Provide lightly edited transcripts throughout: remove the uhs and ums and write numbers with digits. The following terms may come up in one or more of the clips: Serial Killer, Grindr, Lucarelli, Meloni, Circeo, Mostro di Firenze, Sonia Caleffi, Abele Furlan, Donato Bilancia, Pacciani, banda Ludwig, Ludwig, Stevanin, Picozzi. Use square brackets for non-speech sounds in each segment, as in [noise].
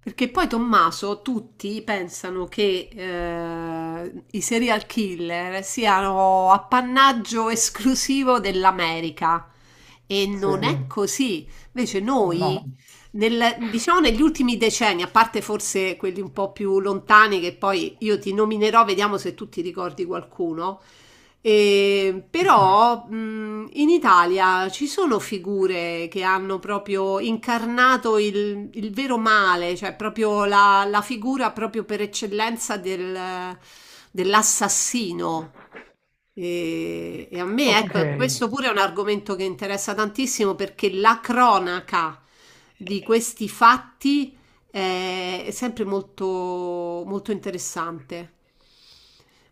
Perché poi Tommaso, tutti pensano che i serial killer siano appannaggio esclusivo dell'America. E Sì, non è così. Invece noi, no. no, Diciamo negli ultimi decenni, a parte forse quelli un po' più lontani, che poi io ti nominerò, vediamo se tu ti ricordi qualcuno, e- però in Italia ci sono figure che hanno proprio incarnato il vero male, cioè proprio la figura proprio per eccellenza dell'assassino. E a me, ok, ecco, questo pure è un argomento che interessa tantissimo perché la cronaca di questi fatti è sempre molto, molto interessante.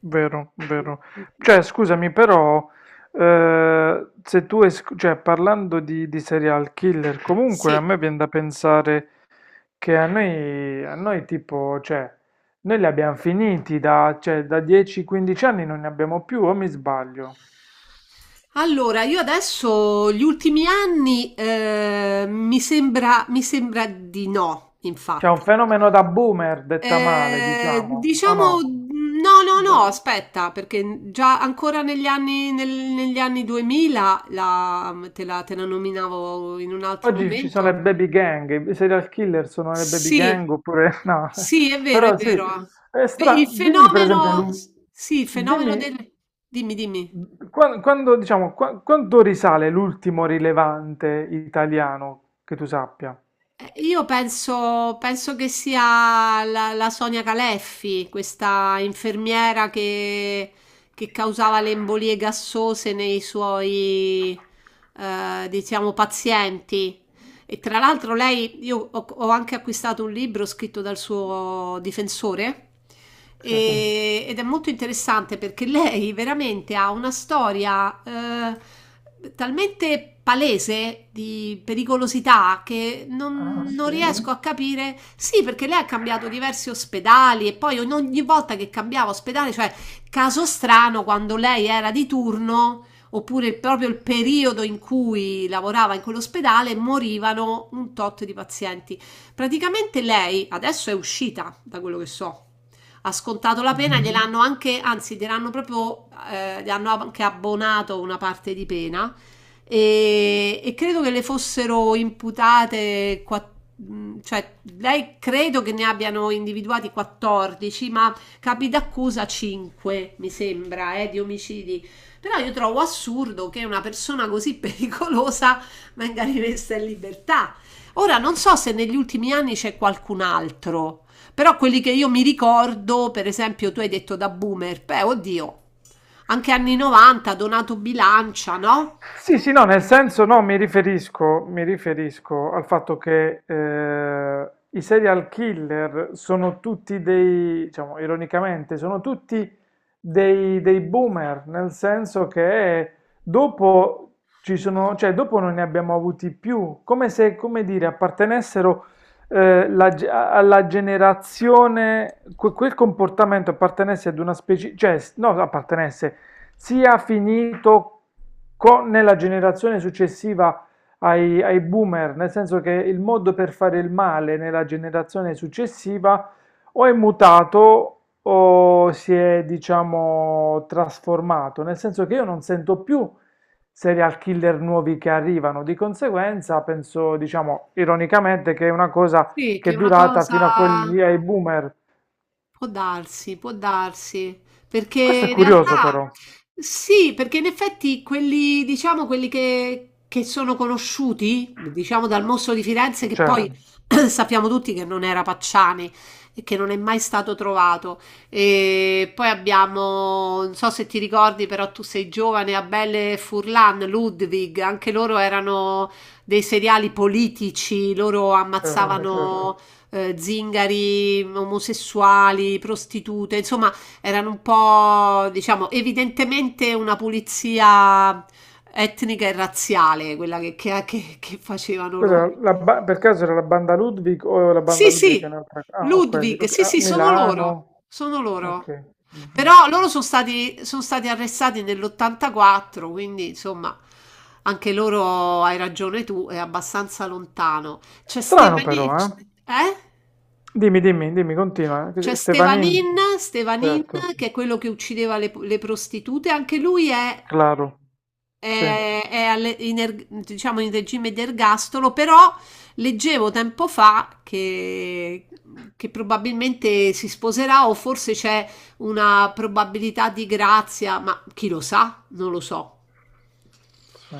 vero, vero. Cioè, scusami, però, se tu, cioè, parlando di serial killer, comunque a Sì. me viene da pensare che a noi tipo, cioè, noi li abbiamo finiti da, cioè, da 10-15 anni non ne abbiamo più, o mi sbaglio? Allora, io adesso gli ultimi anni mi sembra di no, C'è un infatti. fenomeno da boomer, detta male, diciamo, o Diciamo no, no, no, no? aspetta, perché già ancora negli anni 2000 te la nominavo in un altro Oggi ci sono le momento. baby gang, i serial killer sono le baby Sì, gang oppure [laughs] no, sì, è vero, è però sì, vero. Beh, il dimmi per esempio, fenomeno, sì, il fenomeno dimmi del... Dimmi, dimmi. Quando, diciamo, quanto risale l'ultimo rilevante italiano che tu sappia? Io penso, penso che sia la Sonia Caleffi, questa infermiera che causava le embolie gassose nei suoi, diciamo, pazienti. E tra l'altro lei, ho anche acquistato un libro scritto dal suo difensore Sì. Ed è molto interessante perché lei veramente ha una storia talmente palese di pericolosità che Ah non, non sì? riesco a capire. Sì, perché lei ha cambiato diversi ospedali e poi ogni volta che cambiava ospedale, cioè caso strano quando lei era di turno oppure proprio il periodo in cui lavorava in quell'ospedale, morivano un tot di pazienti. Praticamente lei adesso è uscita, da quello che so, ha scontato la pena, Mhm. gliel'hanno anche, anzi, gliel'hanno proprio, gli hanno anche abbonato una parte di pena e credo che le fossero imputate, cioè lei credo che ne abbiano individuati 14, ma capi d'accusa 5, mi sembra, di omicidi, però io trovo assurdo che una persona così [laughs] pericolosa venga rimessa in libertà. Ora non so se negli ultimi anni c'è qualcun altro, però quelli che io mi ricordo, per esempio, tu hai detto da boomer, beh, oddio, anche anni 90, Donato Bilancia, no? Sì, sì, no, nel senso no, mi riferisco al fatto che i serial killer sono tutti dei, diciamo, ironicamente, sono tutti dei boomer, nel senso che dopo ci sono, cioè dopo non ne abbiamo avuti più, come se, come dire, appartenessero alla generazione, quel comportamento appartenesse ad una specie, cioè, no, appartenesse sia finito Co nella generazione successiva ai boomer, nel senso che il modo per fare il male nella generazione successiva o è mutato o si è, diciamo, trasformato, nel senso che io non sento più serial killer nuovi che arrivano, di conseguenza penso, diciamo, ironicamente che è una cosa Sì, che che è è una durata cosa. fino a quelli ai boomer. Può darsi, perché Questo è in curioso realtà però. sì, perché in effetti quelli, diciamo, quelli che sono conosciuti, diciamo dal mostro di Firenze, che poi Certo, [clears throat] sappiamo tutti che non era Pacciani e che non è mai stato trovato. E poi abbiamo, non so se ti ricordi, però tu sei giovane, Abele Furlan, Ludwig, anche loro erano dei seriali politici, loro certo, certo. ammazzavano zingari, omosessuali, prostitute, insomma, erano un po', diciamo, evidentemente una pulizia etnica e razziale, quella che facevano loro. Cos'era per caso era la banda Ludwig o la banda Sì, Ludwig è sì, un'altra? Ah, ho quelli. Ludwig, Ok. sì, Ah, sì, sono Milano. loro, sono loro. Ok. Però Mhm. Sono stati arrestati nell'84, quindi insomma, anche loro, hai ragione tu, è abbastanza lontano. C'è Strano però, Stephanie, eh? eh? Dimmi, dimmi, dimmi, continua. Eh. C'è Stefanin, Stevanin, certo, che è quello che uccideva le prostitute, anche lui claro, sì, è alle- in erg- diciamo in regime di ergastolo, però leggevo tempo fa che probabilmente si sposerà o forse c'è una probabilità di grazia, ma chi lo sa? Non lo so. sì.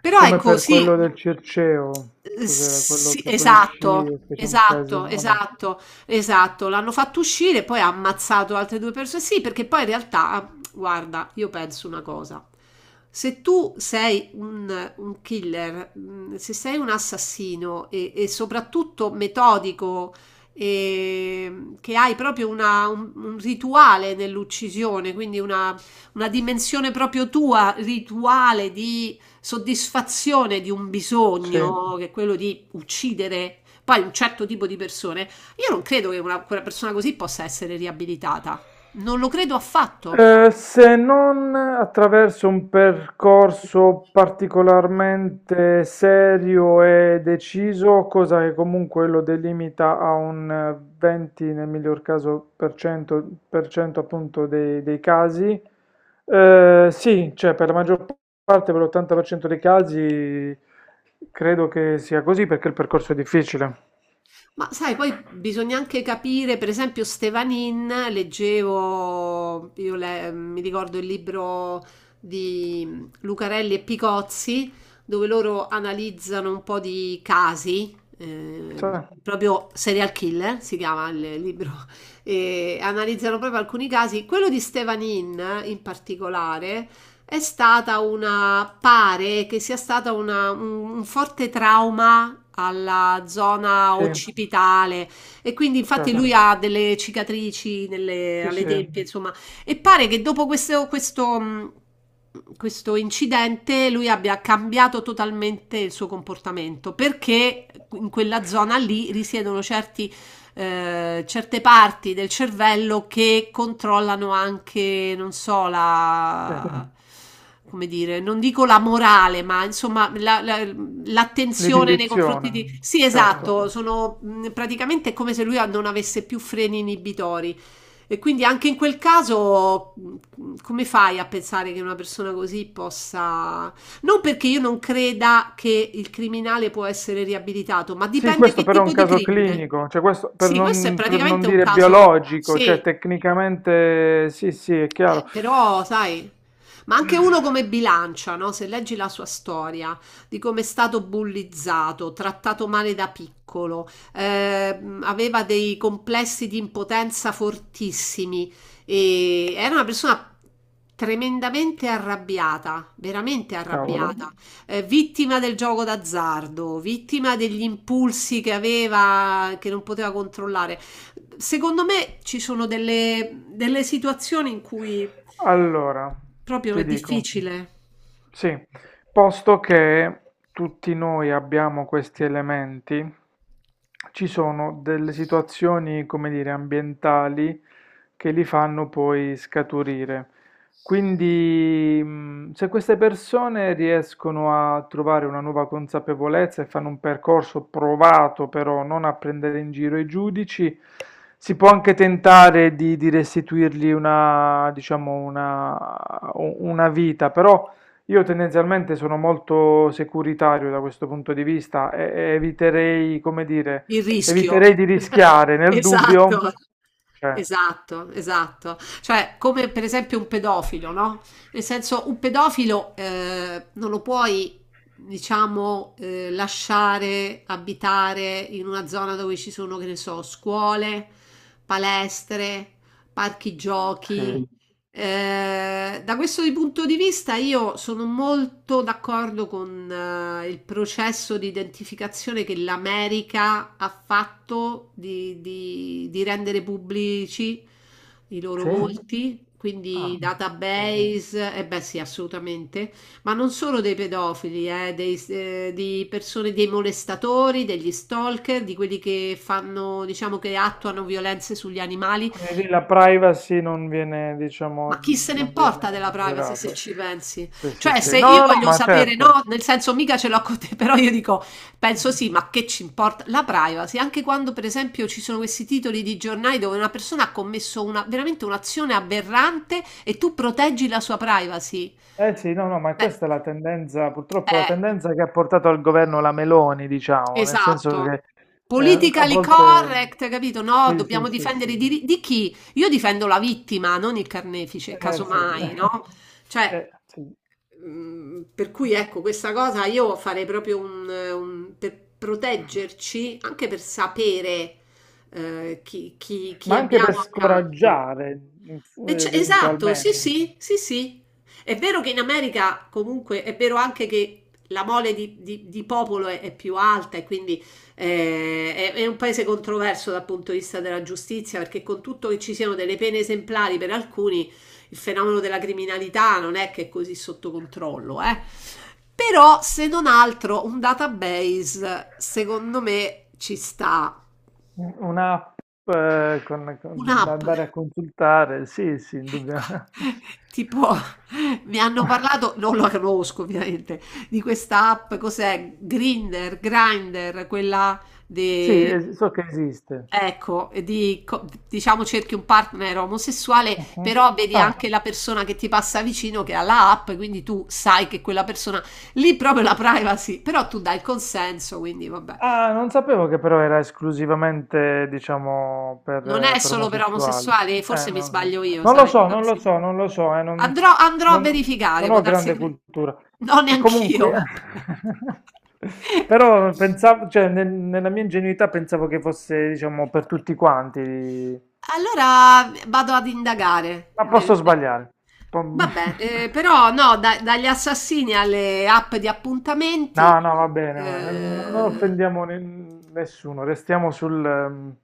Però Come ecco, per sì, quello del Circeo, cos'era quello sì, che poi uscì e fece un casino? Vabbè. Esatto. L'hanno fatto uscire, poi ha ammazzato altre due persone. Sì, perché poi in realtà, guarda, io penso una cosa. Se tu sei un killer, se sei un assassino e soprattutto metodico, che hai proprio un rituale nell'uccisione, quindi una dimensione proprio tua, rituale di soddisfazione di un Sì. bisogno, che è quello di uccidere poi un certo tipo di persone, io non credo che quella persona così possa essere riabilitata. Non lo credo affatto. Se non attraverso un percorso particolarmente serio e deciso, cosa che comunque lo delimita a un 20, nel miglior caso, per cento appunto dei casi, sì, cioè per la maggior parte, per l'80% dei casi, credo che sia così perché il percorso è difficile. Ma sai, poi bisogna anche capire, per esempio, Stevanin, leggevo, mi ricordo il libro di Lucarelli e Picozzi, dove loro analizzano un po' di casi, Cioè, proprio Serial Killer si chiama il libro, [laughs] e analizzano proprio alcuni casi. Quello di Stevanin, in particolare, è stata pare che sia stata un forte trauma alla zona sì, occipitale e quindi infatti lui certo, ha delle cicatrici sì, alle sì. tempie, insomma, e pare che dopo questo incidente lui abbia cambiato totalmente il suo comportamento perché in quella zona lì risiedono certi certe parti del cervello che controllano anche, non so, Sì, la... come dire, non dico la morale, ma insomma l'attenzione nei confronti l'inibizione, di... Sì, certo. esatto, sono praticamente è come se lui non avesse più freni inibitori. E quindi anche in quel caso, come fai a pensare che una persona così possa... Non perché io non creda che il criminale può essere riabilitato, ma Sì, dipende questo che però è tipo un di caso crimine. clinico, cioè questo Sì, questo è per non praticamente un dire caso, biologico, sì, cioè tecnicamente sì, sì, è chiaro. però sai, ma anche uno come Bilancia, no? Se leggi la sua storia di come è stato bullizzato, trattato male da piccolo, aveva dei complessi di impotenza fortissimi e era una persona tremendamente arrabbiata, veramente Cavolo. arrabbiata, vittima del gioco d'azzardo, vittima degli impulsi che aveva, che non poteva controllare. Secondo me ci sono delle situazioni in cui Allora, proprio ti è dico, difficile. sì, posto che tutti noi abbiamo questi elementi, ci sono delle situazioni, come dire, ambientali che li fanno poi scaturire. Quindi, se queste persone riescono a trovare una nuova consapevolezza e fanno un percorso provato, però non a prendere in giro i giudici, si può anche tentare di restituirgli una, diciamo, una vita, però io tendenzialmente sono molto securitario da questo punto di vista e eviterei, come dire, Il rischio. eviterei di [laughs] rischiare nel dubbio, Esatto. cioè. Esatto, esatto. Cioè, come per esempio un pedofilo, no? Nel senso, un pedofilo non lo puoi, diciamo, lasciare abitare in una zona dove ci sono, che ne so, scuole, palestre, parchi Sì, giochi, da questo di punto di vista io sono molto d'accordo con il processo di identificazione che l'America ha fatto di rendere pubblici i loro sì? volti, quindi Ah, ok. database, e beh sì, assolutamente, ma non solo dei pedofili, di persone, dei molestatori, degli stalker, di quelli che fanno, diciamo che attuano violenze sugli animali. Quindi lì la privacy non viene, Ma diciamo, chi se ne non importa viene della privacy se considerata. ci pensi? Sì, sì, Cioè, sì. se No, io no, no, voglio ma sapere, certo. no, nel senso mica ce l'ho con te, [laughs] però io dico, penso sì, ma che ci importa la privacy? Anche quando, per esempio, ci sono questi titoli di giornali dove una persona ha commesso veramente un'azione aberrante e tu proteggi la sua privacy. Eh sì, no, no, ma Beh, questa è la tendenza, purtroppo la eh, tendenza che ha portato al governo la Meloni, diciamo, nel senso Esatto. che a Politically volte. correct, capito? No, Sì, sì, dobbiamo sì, difendere i sì. diritti di chi? Io difendo la vittima, non il carnefice, Eh sì. casomai, no? [laughs] Cioè, sì. Per cui ecco, questa cosa io farei proprio per proteggerci, anche per sapere Ma chi anche per abbiamo accanto. scoraggiare E esatto, sì, eventualmente. sì, sì, sì. È vero che in America comunque è vero anche che la mole di popolo è più alta e quindi è un paese controverso dal punto di vista della giustizia perché con tutto che ci siano delle pene esemplari per alcuni, il fenomeno della criminalità non è che è così sotto controllo, eh. Però se non altro un database secondo me ci sta. Un'app da Un'app. andare a consultare, sì, sì, [laughs] Qua indubbiamente. tipo mi hanno [laughs] parlato, non la conosco ovviamente, di questa app, cos'è? Grindr, Grindr, quella Sì, de... so che esiste. Ecco, e di, diciamo cerchi un partner omosessuale, Mhm. però vedi Ah. anche la persona che ti passa vicino che ha la app, quindi tu sai che quella persona lì proprio la privacy, però tu dai il consenso, quindi vabbè. Ah, non sapevo che però era esclusivamente, diciamo, Non è per solo per omosessuali. omosessuali, forse mi non lo so. sbaglio io, Non lo sai, può so, non lo darsi. so, non lo so, Andrò a non- verificare, non può ho darsi grande che me cultura. no, neanch'io, Comunque, vabbè. [laughs] però pensavo, cioè, nella mia ingenuità pensavo che fosse, diciamo, per tutti quanti. Allora vado ad indagare Ma posso nel ne sbagliare. Po- [laughs] vabbè, però no, da dagli assassini alle app di appuntamenti, No, no, va bene, non ehm, offendiamo nessuno, restiamo sul, ehm,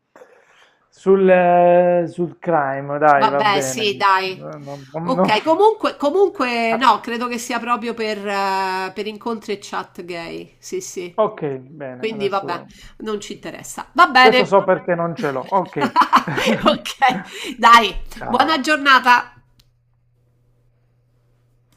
sul, eh, sul crime, dai, va vabbè sì bene. Eh, dai. non- non- non- Ok, comunque, [laughs] comunque Ah, no, credo che sia proprio per incontri e chat gay. Sì, sì. ok, bene, Quindi vabbè, adesso. non ci interessa. Va Adesso bene. so perché non ce l'ho. Ok. [laughs] [laughs] Ok, dai, buona Ciao. giornata.